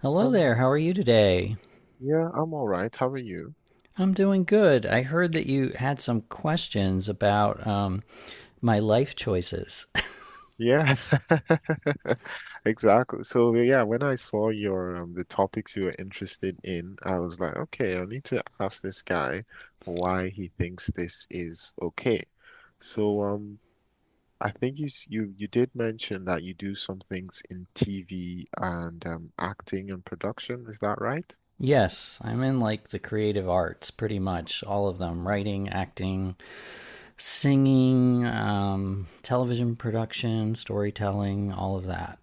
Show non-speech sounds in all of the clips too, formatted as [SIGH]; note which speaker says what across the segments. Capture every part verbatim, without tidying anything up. Speaker 1: Hello
Speaker 2: Um,
Speaker 1: there, how are you today?
Speaker 2: yeah, I'm all right. How are you?
Speaker 1: I'm doing good. I heard that you had some questions about um, my life choices.
Speaker 2: Yeah, [LAUGHS] exactly. So yeah, when I saw your um, the topics you were interested in, I was like, okay, I need to ask this guy why he thinks this is okay. So um, I think you s- you you did mention that you do some things in T V and um, acting and production. Is that right?
Speaker 1: [LAUGHS] Yes, I'm in like the creative arts, pretty much all of them
Speaker 2: Hmm.
Speaker 1: writing, acting, singing, um, television production, storytelling, all of that.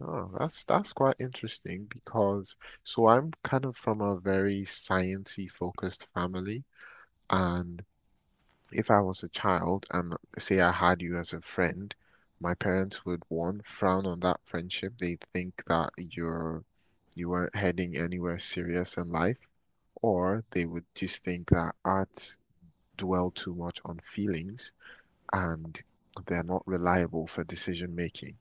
Speaker 2: Oh, that's that's quite interesting because so I'm kind of from a very sciencey focused family, and if I was a child and say I had you as a friend, my parents would one frown on that friendship. They think that you're you weren't heading anywhere serious in life, or they would just think that arts dwell too much on feelings and they're not reliable for decision making.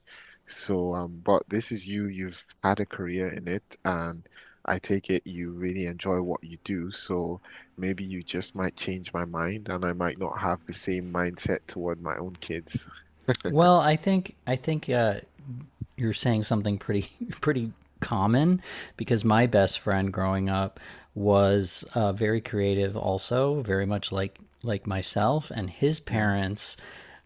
Speaker 2: So, um, but this is you, you've had a career in it, and I take it you really enjoy what you do. So maybe you just might change my mind, and I might not have the same mindset toward my own kids.
Speaker 1: Well, I think I think uh, you're saying something pretty [LAUGHS] pretty common because my best friend growing up was uh, very creative, also very much like like myself, and his
Speaker 2: Yeah.
Speaker 1: parents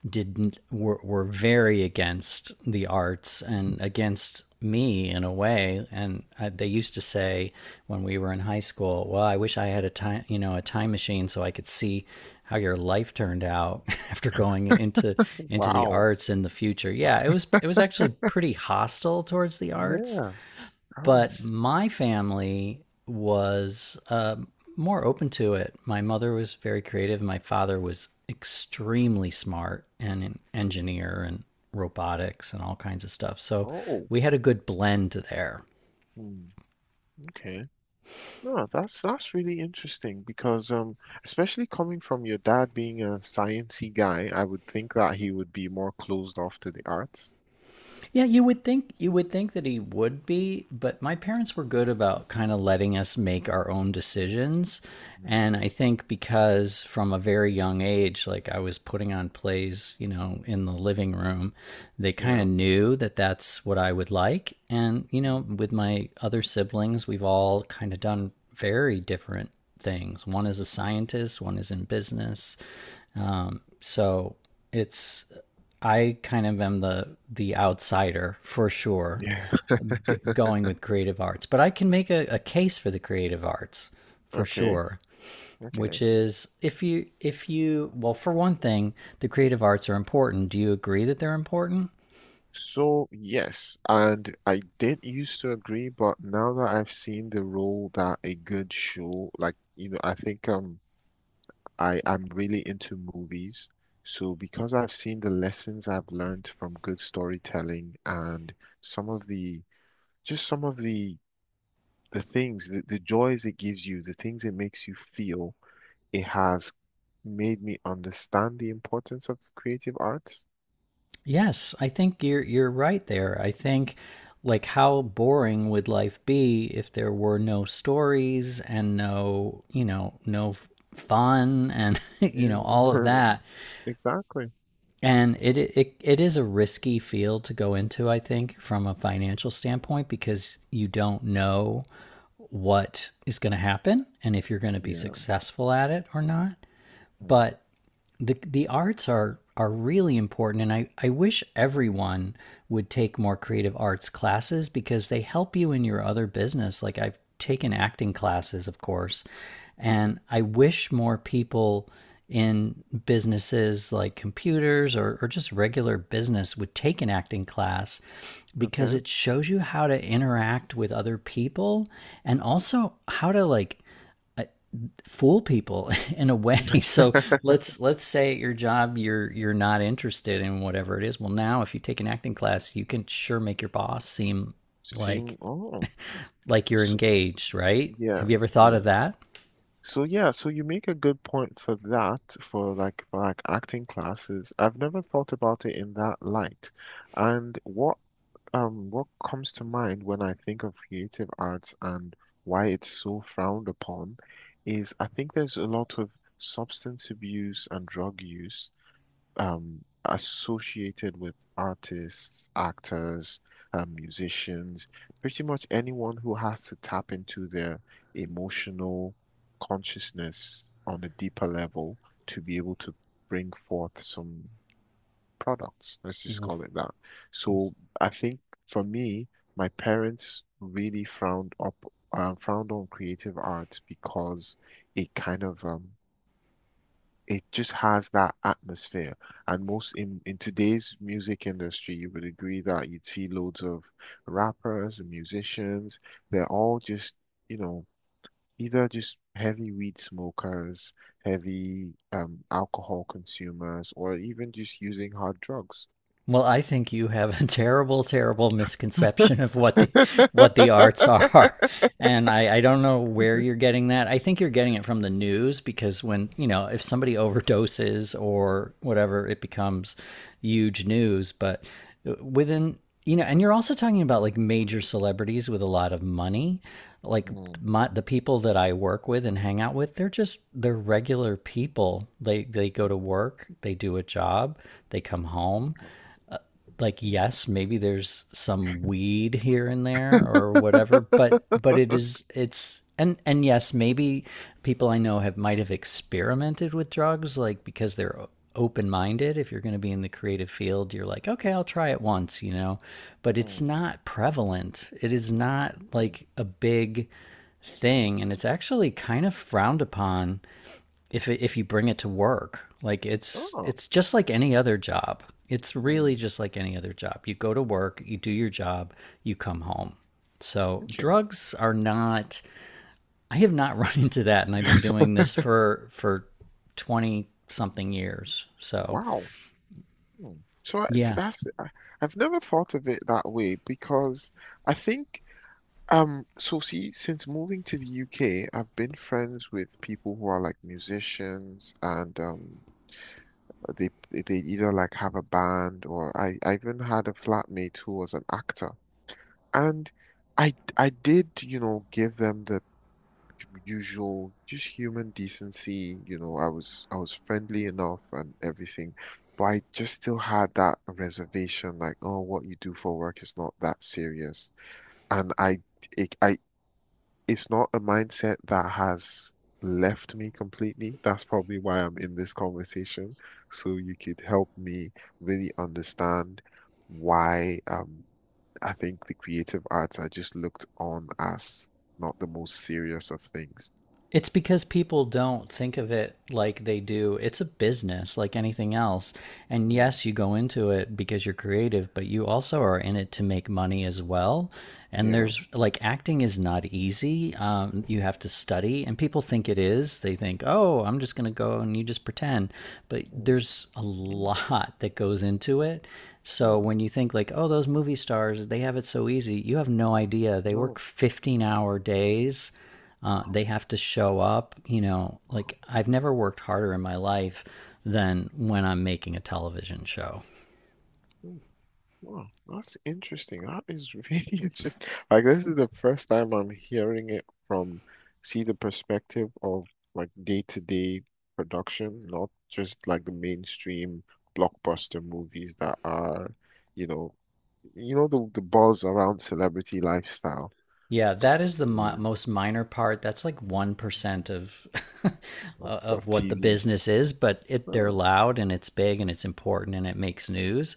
Speaker 1: didn't were, were very against the arts and against me in a way. And I, they used to say when we were in high school, "Well, I wish I had a time, you know, a time machine so I could see how your life turned out [LAUGHS] after going into into the
Speaker 2: Wow.
Speaker 1: arts in the future." Yeah, it was it was actually pretty hostile towards the arts,
Speaker 2: Yeah.
Speaker 1: but
Speaker 2: that's-
Speaker 1: my family was more open to it. My mother was very creative. My father was extremely smart and an
Speaker 2: hmm.
Speaker 1: engineer and robotics and all kinds of stuff. So
Speaker 2: Oh.
Speaker 1: we had a good blend there.
Speaker 2: Hmm. Okay. No, that's that's really interesting because um especially coming from your dad being a sciencey guy, I would think that he would be more closed off to the arts.
Speaker 1: Yeah, you would think you would think that he would be, but my parents were good about kind of letting us make our own decisions.
Speaker 2: Mm,
Speaker 1: And I think because from a very young age, like I was putting on plays, you know, in the living room, they kind of
Speaker 2: yeah.
Speaker 1: knew that that's what I would like. And, you know,
Speaker 2: Mm,
Speaker 1: with my other siblings, we've all kind of done very different things. One is a scientist, one is in business, so it's, I kind of am the the outsider for sure,
Speaker 2: yeah. [LAUGHS]
Speaker 1: g- going with creative arts, but I can make a, a case for the creative arts for
Speaker 2: Okay.
Speaker 1: sure,
Speaker 2: Okay.
Speaker 1: which is, if you if you well, for one thing, the creative arts are important. Do you agree that they're important?
Speaker 2: So yes, and I did used to agree, but now that I've seen the role that a good show, like, you know, I think um I I'm really into movies. So because I've seen the lessons I've learned from good storytelling and some of the just some of the the things, the, the joys it gives you, the things it makes you feel. It has made me understand the importance of creative arts.
Speaker 1: Yes, I think you're you're right there. I think, like, how boring would life be if there were no stories and no, you know, no fun and [LAUGHS] you
Speaker 2: Yeah,
Speaker 1: know, all of that.
Speaker 2: [LAUGHS] exactly.
Speaker 1: And it, it it is a risky field to go into, I think, from a financial standpoint, because you don't know what is going to happen and if you're going to be
Speaker 2: Yeah.
Speaker 1: successful at it or not. But the the arts are are really important, and I, I wish everyone would take more creative arts classes because they help you in your other business. Like, I've taken acting classes, of course,
Speaker 2: Mm-hmm.
Speaker 1: and I wish more people in businesses like computers or, or just regular business would take an acting class, because
Speaker 2: Okay.
Speaker 1: it shows you how to interact with other people, and also how to like uh, fool people [LAUGHS] in a way. [LAUGHS] So
Speaker 2: [LAUGHS]
Speaker 1: let's let's say at your job you're you're not interested in whatever it is. Well, now if you take an acting class, you can sure make your boss seem like
Speaker 2: Seem, oh,
Speaker 1: like you're
Speaker 2: so
Speaker 1: engaged, right?
Speaker 2: yeah,
Speaker 1: Have you ever thought of
Speaker 2: yeah.
Speaker 1: that?
Speaker 2: So yeah, so you make a good point for that, for like for like acting classes. I've never thought about it in that light. And what Um, what comes to mind when I think of creative arts and why it's so frowned upon is I think there's a lot of substance abuse and drug use, um, associated with artists, actors, um, musicians, pretty much anyone who has to tap into their emotional consciousness on a deeper level to be able to bring forth some products. Let's just call it that. So I think for me, my parents really frowned up, uh, frowned on creative arts because it kind of um, it just has that atmosphere. And most in in today's music industry, you would agree that you'd see loads of rappers and musicians. They're all just, you know, either just heavy weed smokers, heavy, um, alcohol consumers, or even just using hard drugs.
Speaker 1: Well, I think you have a [LAUGHS] terrible, terrible misconception of what the what the arts [LAUGHS] are,
Speaker 2: [LAUGHS] [LAUGHS]
Speaker 1: and I, I don't know where you're getting that. I think you're getting it from the news, because, when you know, if somebody overdoses or whatever, it becomes huge news. But uh, within, you know, and you're also talking about like major celebrities with a lot of money. Like,
Speaker 2: Mm,
Speaker 1: my, the people that I work with and hang out with, they're just, they're regular people. They they go to work, they do a job, they come home. Like,
Speaker 2: mm,
Speaker 1: yes, maybe there's some weed here and there or whatever, but but it is, it's, and and yes, maybe people I know have might have experimented with drugs, like, because they're open minded. If you're going to be in the creative field, you're like, okay, I'll try it once, you know. But it's
Speaker 2: mm,
Speaker 1: not prevalent, it is not
Speaker 2: mm.
Speaker 1: like a big thing, and it's actually kind of frowned upon if it, if you bring it to work. Like, it's
Speaker 2: Oh,
Speaker 1: it's just like any other job, it's really
Speaker 2: mm,
Speaker 1: just like any other job. You go to work, you do your job, you come home, so
Speaker 2: okay.
Speaker 1: drugs are not, I have not [LAUGHS] run into that, and I've been
Speaker 2: [LAUGHS]
Speaker 1: doing this for for twenty something years, so
Speaker 2: Wow. Hmm. So I- t-
Speaker 1: yeah.
Speaker 2: that's I, I've never thought of it that way because I think um so see since moving to the U K I've been friends with people who are like musicians and um they they either like have a band or I, I even had a flatmate who was an actor. And I I did, you know, give them the usual just human decency, you know, I was I was friendly enough and everything, but I just still had that reservation like, oh, what you do for work is not that serious. And I it, I It's not a mindset that has left me completely. That's probably why I'm in this conversation. So you could help me really understand why, um, I think the creative arts are just looked on as not the most serious of things.
Speaker 1: It's because people don't think of it like they do. It's a business like anything else. And
Speaker 2: Mm,
Speaker 1: yes, you go into it because you're creative, but you also are in it to make money as well. And
Speaker 2: yeah.
Speaker 1: there's like, acting is not easy. Um, you have to study, and people think it is. They think, oh, I'm just going to go and you just pretend. But
Speaker 2: Mm,
Speaker 1: there's a
Speaker 2: mm,
Speaker 1: lot that goes into it. So
Speaker 2: mm,
Speaker 1: when you think, like, oh, those movie stars, they have it so easy, you have no idea. They work
Speaker 2: no.
Speaker 1: fifteen hour days, uh,
Speaker 2: Wow.
Speaker 1: they have to show up. You know,
Speaker 2: Wow.
Speaker 1: like, I've never worked harder in my life than when I'm making a television show.
Speaker 2: Mm. Wow, that's interesting. That is really [LAUGHS] interesting. Like this is the first time I'm hearing it from, see the perspective of like day-to-day production, not just like the mainstream blockbuster movies that are, you know, you know the the buzz around celebrity lifestyle,
Speaker 1: Yeah, that is the
Speaker 2: you
Speaker 1: mi-
Speaker 2: know,
Speaker 1: most minor part. That's like one percent of [LAUGHS]
Speaker 2: of, of
Speaker 1: of what the
Speaker 2: T V.
Speaker 1: business is, but it, they're
Speaker 2: Oh,
Speaker 1: loud and it's big and it's important and it makes news.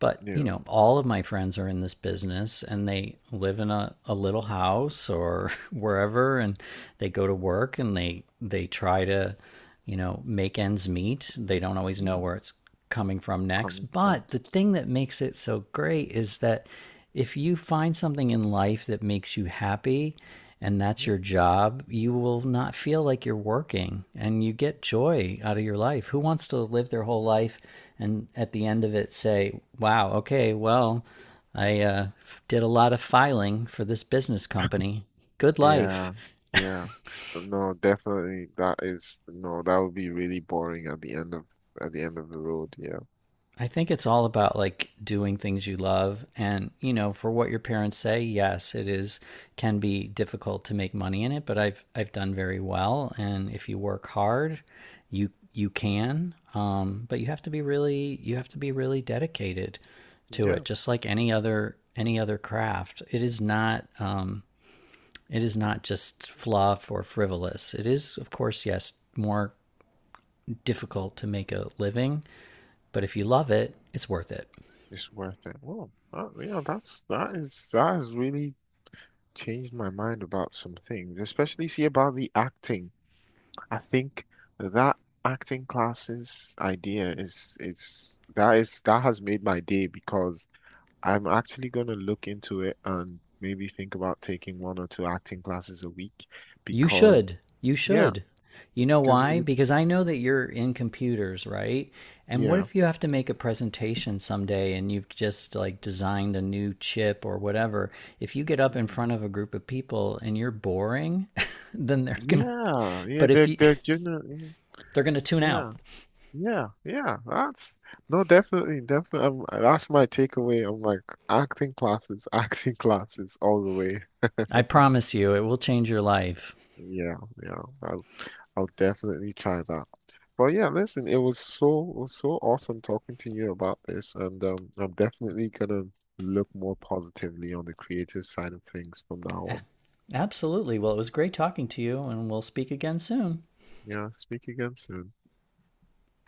Speaker 1: But you
Speaker 2: yeah,
Speaker 1: know, all of my friends are in this business and they live in a, a little house or [LAUGHS] wherever, and they go to work and they they try to, you know, make ends meet. They don't always know
Speaker 2: yeah,
Speaker 1: where it's coming from next.
Speaker 2: coming from.
Speaker 1: But the thing that makes it so great is that if you find something in life that makes you happy and that's
Speaker 2: Mm-hmm.
Speaker 1: your job, you will not feel like you're working, and you get joy out of your life. Who wants to live their whole life and at the end of it say, wow, okay, well, I uh, did a lot of filing for this business company. Good life.
Speaker 2: Yeah, yeah. No, definitely that is no, that would be really boring at the end of at the end of the road, yeah.
Speaker 1: I think it's all about like doing things you love. And you know, for what your parents say, yes, it is, can be difficult to make money in it, but I've I've done very well, and if you work hard, you you can, um, but you have to be really, you have to be really dedicated to it,
Speaker 2: Yeah,
Speaker 1: just like any other any other craft. It is not, um, it is not just fluff or frivolous. It is, of course, yes, more difficult to make a living, but if you love it, it's worth it.
Speaker 2: it's worth it. Well, that, you know, that's that is that has really changed my mind about some things, especially see about the acting. I think that acting classes idea is is that is that has made my day because I'm actually gonna look into it and maybe think about taking one or two acting classes a week
Speaker 1: You
Speaker 2: because.
Speaker 1: should. You
Speaker 2: Yeah,
Speaker 1: should. You know
Speaker 2: because he
Speaker 1: why?
Speaker 2: would.
Speaker 1: Because I know that you're in computers, right? And what
Speaker 2: Yeah.
Speaker 1: if you have to make a presentation someday and you've just like designed a new chip or whatever? If you get up in
Speaker 2: Mm.
Speaker 1: front of a group of people and you're boring, [LAUGHS] then they're going to,
Speaker 2: Yeah. Yeah.
Speaker 1: but if
Speaker 2: They're
Speaker 1: you,
Speaker 2: they're generally.
Speaker 1: they're going to tune out.
Speaker 2: Yeah. Yeah. Yeah. That's no, definitely, definitely. Um, that's my takeaway. I'm like acting classes, [LAUGHS] acting classes all the way.
Speaker 1: I promise you it will change your life.
Speaker 2: Yeah. Yeah. I'll I'll definitely try that. But yeah, listen, it was so it was so awesome talking to you about this, and um, I'm definitely gonna look more positively on the creative side of things from now on.
Speaker 1: Absolutely. Well, it was great talking to you, and we'll speak again soon.
Speaker 2: Yeah. Speak again soon.